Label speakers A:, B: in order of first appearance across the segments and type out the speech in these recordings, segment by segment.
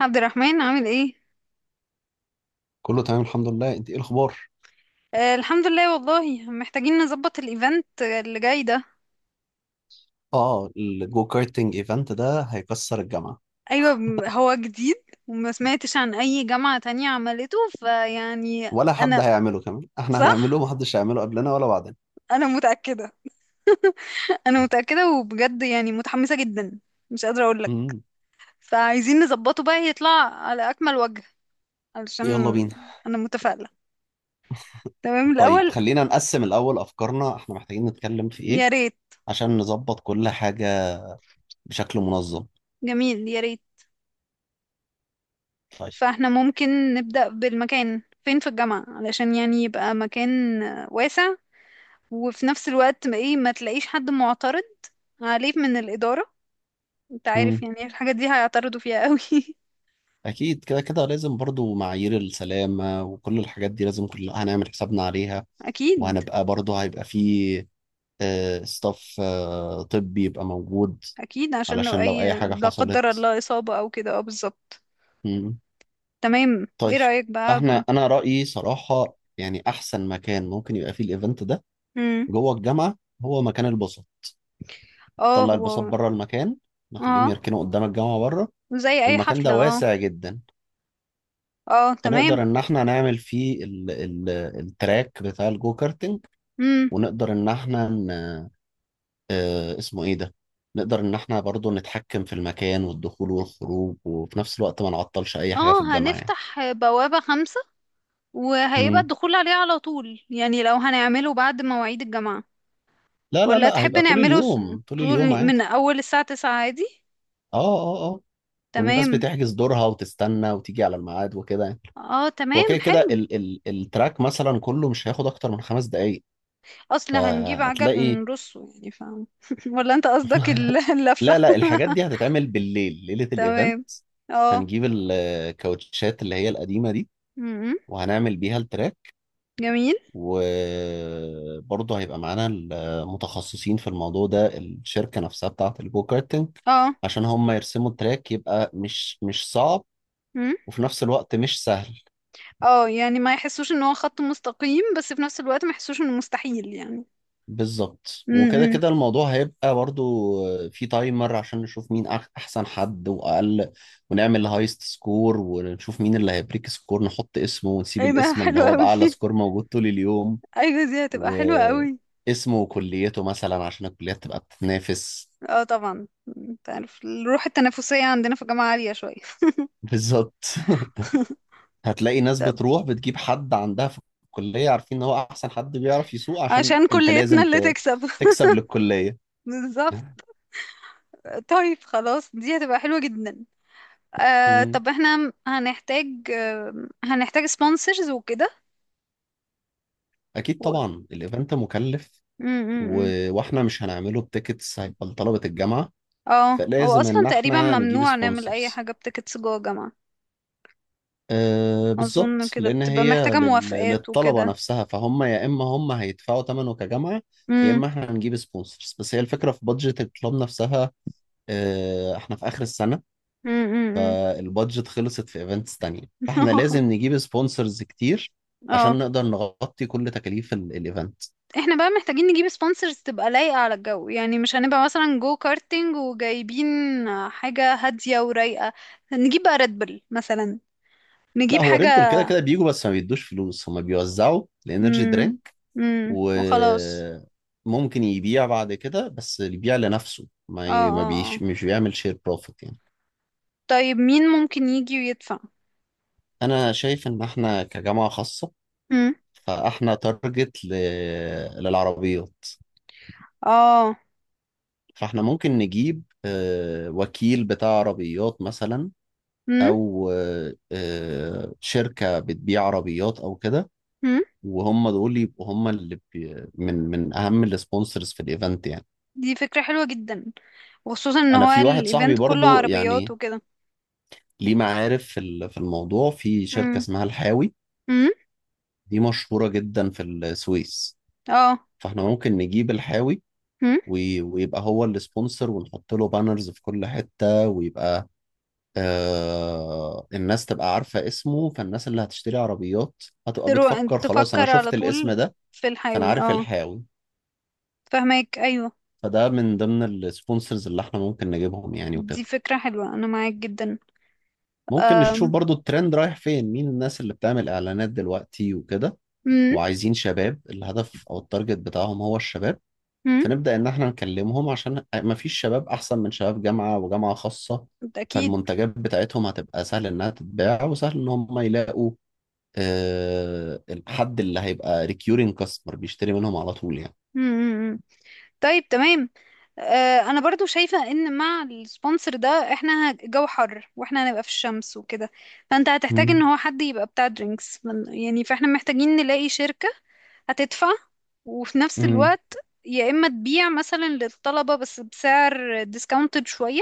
A: عبد الرحمن عامل ايه؟
B: كله تمام، الحمد لله. انت ايه الاخبار؟
A: آه، الحمد لله. والله محتاجين نظبط الايفنت اللي جاي ده.
B: اه، الجو كارتنج ايفنت ده هيكسر الجامعه.
A: ايوه هو جديد، وما سمعتش عن اي جامعة تانية عملته فيعني.
B: ولا حد
A: انا.
B: هيعمله كمان. احنا هنعمله،
A: صح.
B: محدش هيعمله قبلنا ولا بعدنا.
A: انا متأكدة. انا متأكدة، وبجد يعني متحمسة جدا. مش قادرة اقول لك.
B: امم.
A: فعايزين نظبطه بقى يطلع على اكمل وجه. علشان.
B: يلا بينا.
A: انا متفائلة. تمام
B: طيب،
A: الاول.
B: خلينا نقسم الاول افكارنا، احنا محتاجين نتكلم في ايه
A: يا ريت.
B: عشان نظبط كل حاجه بشكل منظم.
A: جميل، يا ريت.
B: طيب.
A: فاحنا ممكن نبدأ بالمكان فين في الجامعة، علشان يعني يبقى مكان واسع، وفي نفس الوقت ما ايه ما تلاقيش حد معترض عليه من الإدارة. انت عارف
B: امم.
A: يعني الحاجة دي هيعترضوا فيها قوي.
B: اكيد كده كده لازم برضو معايير السلامه وكل الحاجات دي لازم كلها هنعمل حسابنا عليها.
A: اكيد.
B: وهنبقى برضو هيبقى فيه ستاف طبي يبقى موجود
A: اكيد عشان لو
B: علشان لو اي
A: اي
B: حاجة
A: لا قدر
B: حصلت.
A: الله إصابة او كده، اه، بالظبط.
B: مم.
A: تمام، ايه
B: طيب.
A: رأيك بقى؟
B: انا رأيي صراحة يعني احسن مكان ممكن يبقى فيه الايفنت ده
A: امم.
B: جوه الجامعة هو مكان الباصات.
A: اه،
B: طلع
A: هو.
B: الباصات بره المكان، نخليهم
A: اه،
B: يركنوا قدام الجامعة بره.
A: زي اي
B: والمكان
A: حفلة،
B: ده
A: اه.
B: واسع جدا،
A: اه، تمام.
B: فنقدر ان احنا نعمل فيه ال ال التراك بتاع الجو كارتنج.
A: امم،
B: ونقدر ان احنا آه، اسمه ايه ده، نقدر ان احنا برضو نتحكم في المكان والدخول والخروج وفي نفس الوقت ما نعطلش اي حاجة
A: اه،
B: في الجامعة يعني.
A: هنفتح بوابة 5، وهيبقى
B: مم.
A: الدخول عليه على طول، يعني لو هنعمله بعد مواعيد الجامعة.
B: لا لا
A: ولا
B: لا،
A: تحب
B: هيبقى طول
A: نعمله
B: اليوم، طول اليوم
A: طول من
B: عادي.
A: أول الساعة 9 عادي.
B: اه اه اه. والناس
A: تمام.
B: بتحجز دورها وتستنى وتيجي على الميعاد وكده يعني.
A: اه،
B: هو
A: تمام
B: كده كده
A: حلو.
B: ال ال التراك مثلا كله مش هياخد اكتر من 5 دقايق،
A: اصلا هنجيب عجل
B: فهتلاقي.
A: ونرصه يعني، فاهم؟ ولا انت قصدك اللفة.
B: لا لا، الحاجات دي هتتعمل بالليل ليلة الايفنت.
A: تمام، اه.
B: هنجيب الكاوتشات اللي هي القديمة دي
A: م-م.
B: وهنعمل بيها التراك.
A: جميل.
B: وبرضه هيبقى معانا المتخصصين في الموضوع ده، الشركة نفسها بتاعة الجو كارتنج،
A: اه.
B: عشان هم يرسموا التراك. يبقى مش صعب
A: م.
B: وفي نفس الوقت مش سهل.
A: اه، يعني ما يحسوش ان هو خط مستقيم، بس في نفس الوقت ما يحسوش انه مستحيل يعني.
B: بالظبط، وكده
A: م-م.
B: كده الموضوع هيبقى برضه في تايمر عشان نشوف مين أحسن حد وأقل. ونعمل هايست سكور ونشوف مين اللي هيبريك سكور، نحط اسمه ونسيب
A: ايه ده
B: الاسم اللي
A: حلو
B: هو
A: قوي.
B: بأعلى سكور موجود طول اليوم.
A: ايوه، دي هتبقى
B: و
A: حلوة قوي.
B: اسمه وكليته مثلا عشان الكليات تبقى بتتنافس.
A: اه، طبعا. انت عارف الروح التنافسية عندنا في الجامعة عالية شوية.
B: بالظبط. هتلاقي ناس
A: طب
B: بتروح بتجيب حد عندها في الكلية عارفين ان هو احسن حد بيعرف يسوق، عشان
A: عشان
B: انت
A: كليتنا
B: لازم
A: اللي تكسب.
B: تكسب للكلية.
A: بالظبط. طيب خلاص، دي هتبقى حلوة جدا. آه،
B: مم.
A: طب احنا هنحتاج آه هنحتاج سبونسرز وكده.
B: اكيد
A: و...
B: طبعا الايفنت مكلف
A: م- م-
B: و...
A: م.
B: واحنا مش هنعمله بتيكتس، هيبقى لطلبة الجامعة،
A: اه، هو
B: فلازم
A: اصلا
B: ان
A: تقريبا
B: احنا نجيب
A: ممنوع نعمل اي
B: سبونسرز.
A: حاجة بتيكتس جوه جامعة.
B: أه
A: اظن
B: بالظبط،
A: كده
B: لان
A: بتبقى
B: هي
A: محتاجة موافقات
B: للطلبة
A: وكده.
B: نفسها، فهم يا اما هم هيدفعوا ثمنه كجامعة يا
A: امم.
B: اما احنا هنجيب سبونسرز، بس هي الفكرة في بادجت الكلاب نفسها. احنا في اخر السنة،
A: امم.
B: البادجت خلصت في ايفنتس تانية، فاحنا لازم نجيب سبونسرز كتير
A: اه.
B: عشان نقدر نغطي كل تكاليف الايفنت.
A: احنا بقى محتاجين نجيب سبونسرز تبقى لايقة على الجو، يعني مش هنبقى مثلا جو كارتينج وجايبين حاجة هادية ورايقة. نجيب بقى ريد بل مثلا.
B: لا
A: نجيب
B: هو
A: حاجة.
B: ريد بول كده كده بيجوا بس ما بيدوش فلوس، هما بيوزعوا الانرجي
A: امم.
B: درينك.
A: امم، وخلاص.
B: وممكن يبيع بعد كده بس يبيع لنفسه،
A: اه
B: ما ي... ما
A: اه اه.
B: بيش... مش بيعمل شير بروفيت يعني.
A: طيب مين ممكن يجي ويدفع؟
B: انا شايف ان احنا كجامعة خاصة،
A: امم.
B: فاحنا تارجت للعربيات.
A: اه.
B: فاحنا ممكن نجيب وكيل بتاع عربيات مثلا،
A: امم.
B: او شركه بتبيع عربيات او كده.
A: امم،
B: وهم دول يبقوا هم اللي بي من من اهم السبونسرز في الايفنت يعني.
A: دي فكرة حلوة جدا، وخصوصا ان
B: انا
A: هو
B: في واحد صاحبي
A: الايفنت كله
B: برضو
A: عربيات
B: يعني
A: وكده.
B: ليه معارف في في الموضوع، في شركه
A: امم.
B: اسمها الحاوي.
A: امم.
B: دي مشهوره جدا في السويس،
A: اه.
B: فاحنا ممكن نجيب الحاوي
A: امم.
B: ويبقى هو السبونسر، ونحط له بانرز في كل حته، ويبقى الناس تبقى عارفه اسمه. فالناس اللي هتشتري عربيات هتبقى بتفكر خلاص انا
A: تفكر على
B: شفت الاسم
A: طول.
B: ده.
A: في
B: فانا
A: الحيوي،
B: عارف
A: اه.
B: الحاوي،
A: فهمك، ايوه.
B: فده من ضمن السبونسرز اللي احنا ممكن نجيبهم يعني
A: دي
B: وكده.
A: فكرة حلوة، انا معاك جدا.
B: ممكن نشوف
A: امم.
B: برضو الترند رايح فين، مين الناس اللي بتعمل اعلانات دلوقتي وكده، وعايزين شباب، الهدف او التارجت بتاعهم هو الشباب.
A: امم.
B: فنبدأ ان احنا نكلمهم، عشان مفيش شباب احسن من شباب جامعة وجامعة خاصة.
A: اكيد.
B: فالمنتجات بتاعتهم هتبقى سهل انها تتباع، وسهل ان هم يلاقوا الحد اللي هيبقى ريكيورينج كاستمر بيشتري منهم على طول يعني.
A: امم. طيب تمام. آه، انا برضو شايفة ان مع السبونسر ده احنا جو حر، واحنا هنبقى في الشمس وكده، فانت هتحتاج ان
B: مم.
A: هو حد يبقى بتاع درينكس يعني. فاحنا محتاجين نلاقي شركة هتدفع، وفي نفس
B: مم.
A: الوقت يا اما تبيع مثلا للطلبة بس بسعر ديسكاونتد شوية،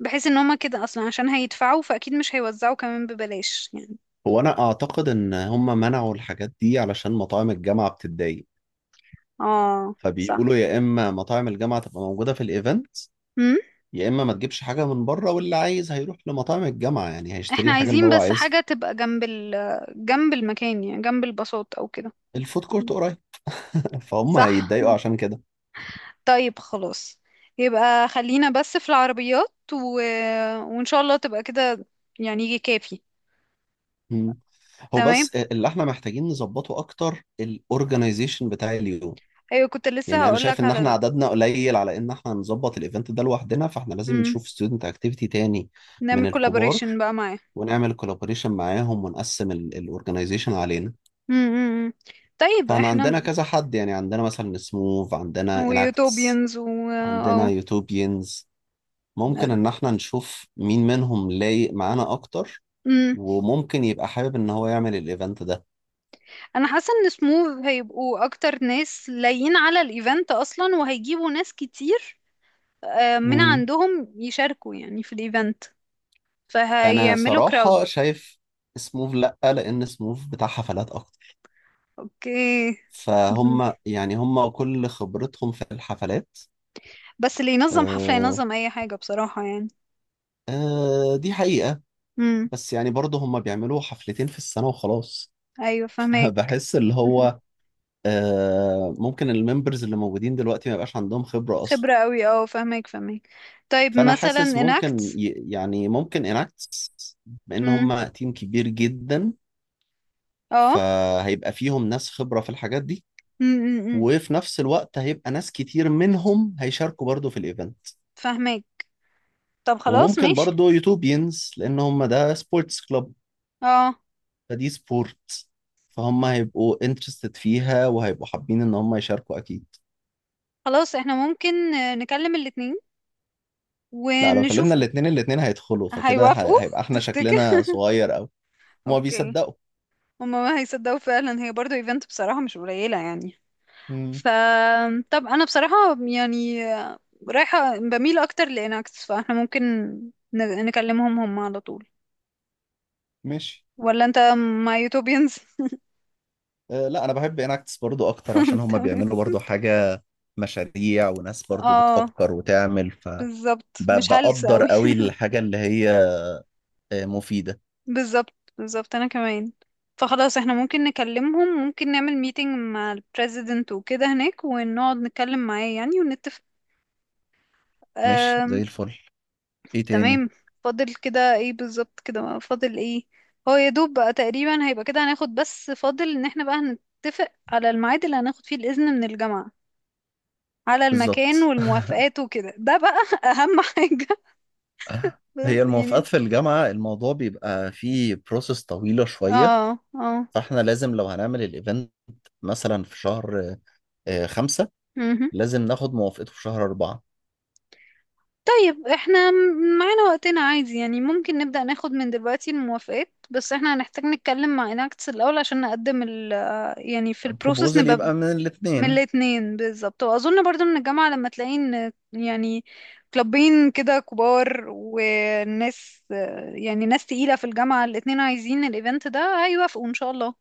A: بحيث ان هما كده اصلا عشان هيدفعوا، فاكيد مش هيوزعوا كمان ببلاش يعني.
B: هو انا اعتقد ان هم منعوا الحاجات دي علشان مطاعم الجامعه بتتضايق.
A: اه،
B: فبيقولوا
A: صح.
B: يا اما مطاعم الجامعه تبقى موجوده في الايفنت،
A: مم؟
B: يا اما ما تجيبش حاجه من بره، واللي عايز هيروح لمطاعم الجامعه يعني هيشتري
A: احنا
B: الحاجه اللي
A: عايزين
B: هو
A: بس
B: عايزها.
A: حاجة تبقى جنب جنب المكان، يعني جنب البساط او كده.
B: الفود كورت قريب. فهم
A: صح.
B: هيتضايقوا عشان كده.
A: طيب خلاص. يبقى خلينا بس في العربيات وإن شاء الله تبقى كده. يعني يجي كافي.
B: مم. هو
A: تمام.
B: بس اللي احنا محتاجين نظبطه اكتر الاورجنايزيشن بتاع اليوم.
A: أيوة، كنت لسه
B: يعني انا شايف
A: هقولك
B: ان
A: على
B: احنا
A: ده.
B: عددنا قليل على ان احنا نظبط الايفنت ده لوحدنا، فاحنا لازم
A: مم.
B: نشوف ستودنت اكتيفيتي تاني من
A: نعمل
B: الكبار،
A: كولابوريشن بقى معاه.
B: ونعمل كولابوريشن معاهم ونقسم الاورجنايزيشن علينا.
A: مم، مم، مم. طيب
B: فاحنا
A: احنا.
B: عندنا كذا حد يعني، عندنا مثلا سموف، عندنا اناكتس،
A: ويوتوبيانز و
B: عندنا
A: اه.
B: يوتوبيانز. ممكن ان احنا نشوف مين منهم لايق معانا اكتر
A: مم.
B: وممكن يبقى حابب ان هو يعمل الايفنت ده.
A: انا حاسه ان سموث هيبقوا اكتر ناس لايين على الايفنت اصلا، وهيجيبوا ناس كتير آه، من
B: مم.
A: عندهم يشاركوا يعني في الايفنت،
B: انا
A: فهيعملوا كراود.
B: صراحة شايف سموف لا، لان سموف بتاع حفلات اكتر،
A: اوكي. مهم.
B: فهم يعني هم كل خبرتهم في الحفلات.
A: بس اللي ينظم حفلة
B: آه
A: ينظم اي حاجة بصراحة يعني.
B: آه، دي حقيقة.
A: امم.
B: بس يعني برضه هم بيعملوا حفلتين في السنة وخلاص.
A: ايوه، فهمك.
B: بحس اللي هو ممكن الممبرز اللي موجودين دلوقتي ما يبقاش عندهم خبرة أصلا.
A: خبرة قوي، اه، فهمك فهمك. طيب
B: فأنا
A: مثلا
B: حاسس ممكن
A: اناكت.
B: يعني ممكن اناكتس، بأن
A: امم.
B: هم تيم كبير جدا،
A: اه.
B: فهيبقى فيهم ناس خبرة في الحاجات دي،
A: امم.
B: وفي نفس الوقت هيبقى ناس كتير منهم هيشاركوا برضه في الإيفنت.
A: فهمك. طب خلاص
B: وممكن
A: ماشي.
B: برضه يوتوبينز لأن هم ده سبورتس كلوب،
A: اه.
B: فدي سبورت، فهم هيبقوا انترستد فيها وهيبقوا حابين ان هم يشاركوا اكيد.
A: خلاص احنا ممكن آه، نكلم الاتنين
B: لا لو
A: ونشوف.
B: كلمنا الاتنين الاتنين هيدخلوا، فكده
A: هيوافقوا
B: هيبقى احنا
A: تفتكر؟
B: شكلنا صغير قوي. هما
A: اوكي.
B: بيصدقوا.
A: هما ما هيصدقوا فعلا، هي برضو ايفنت بصراحة مش قليلة يعني.
B: امم.
A: فطب انا بصراحة يعني رايحة بميل اكتر لإناكس، فاحنا ممكن نكلمهم هم على طول.
B: ماشي.
A: ولا انت مع يوتوبيانز؟
B: أه لا انا بحب اناكتس برضو اكتر عشان هما
A: تمام.
B: بيعملوا برضو حاجة، مشاريع وناس برضو
A: اه
B: بتفكر وتعمل،
A: بالظبط، مش هلس
B: فبقدر
A: اوي.
B: قوي الحاجة اللي هي مفيدة.
A: بالظبط بالظبط، انا كمان. فخلاص احنا ممكن نكلمهم، ممكن نعمل ميتنج مع البريزيدنت وكده هناك ونقعد نتكلم معاه يعني،
B: ماشي
A: ونتفق.
B: زي الفل. ايه تاني؟
A: تمام. فاضل كده ايه بالظبط؟ كده ما فاضل ايه، هو يا دوب بقى تقريبا هيبقى كده. هناخد بس فاضل ان احنا بقى هنتفق على الميعاد اللي هناخد فيه الإذن من الجامعة على المكان
B: بالظبط.
A: والموافقات وكده، ده بقى اهم حاجة.
B: هي
A: بس يعني،
B: الموافقات في الجامعة الموضوع بيبقى فيه بروسس طويلة شوية.
A: اه اه.
B: فاحنا لازم لو هنعمل الايفنت مثلا في شهر 5،
A: مهم.
B: لازم ناخد موافقته في شهر 4.
A: طيب احنا معانا وقتنا عادي يعني، ممكن نبدأ ناخد من دلوقتي الموافقات، بس احنا هنحتاج نتكلم مع اناكتس الأول عشان نقدم يعني في البروسيس
B: بروبوزل
A: نبقى
B: يبقى من
A: من
B: الاتنين.
A: الاتنين. بالظبط، واظن برضو من الجامعة لما تلاقي ان يعني كلابين كده كبار وناس، يعني ناس تقيلة في الجامعة الاتنين عايزين الايفنت ده، هيوافقوا ان شاء الله.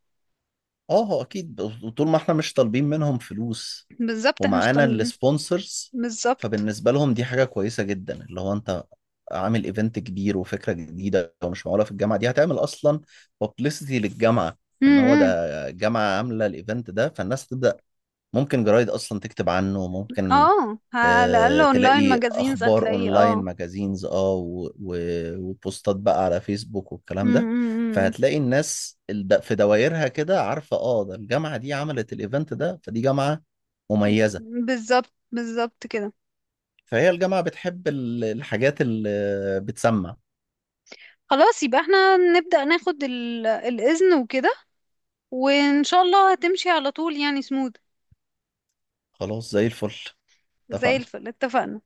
B: اه هو أكيد، وطول ما احنا مش طالبين منهم فلوس
A: بالظبط، احنا مش
B: ومعانا السبونسرز،
A: بالظبط.
B: فبالنسبة لهم دي حاجة كويسة جدا اللي هو أنت عامل ايفنت كبير وفكرة جديدة ومش معقولة في الجامعة دي هتعمل أصلا بابليستي للجامعة. إن هو
A: امم.
B: ده جامعة عاملة الايفنت ده، فالناس تبدأ، ممكن جرايد أصلا تكتب عنه، ممكن
A: اه، على الاقل اونلاين
B: تلاقي
A: ماجازينز
B: اخبار
A: هتلاقيه،
B: اونلاين
A: اه.
B: ماجازينز، اه وبوستات بقى على فيسبوك والكلام ده.
A: امم.
B: فهتلاقي الناس في دوايرها كده عارفه اه ده الجامعه دي عملت الايفنت ده، فدي جامعه مميزه.
A: بالظبط بالظبط كده.
B: فهي الجامعه بتحب الحاجات اللي بتسمع.
A: خلاص يبقى احنا نبدأ ناخد الاذن وكده، وان شاء الله هتمشي على طول يعني سموث.
B: خلاص زي الفل.
A: زي
B: اتفقنا.
A: الفل. اتفقنا.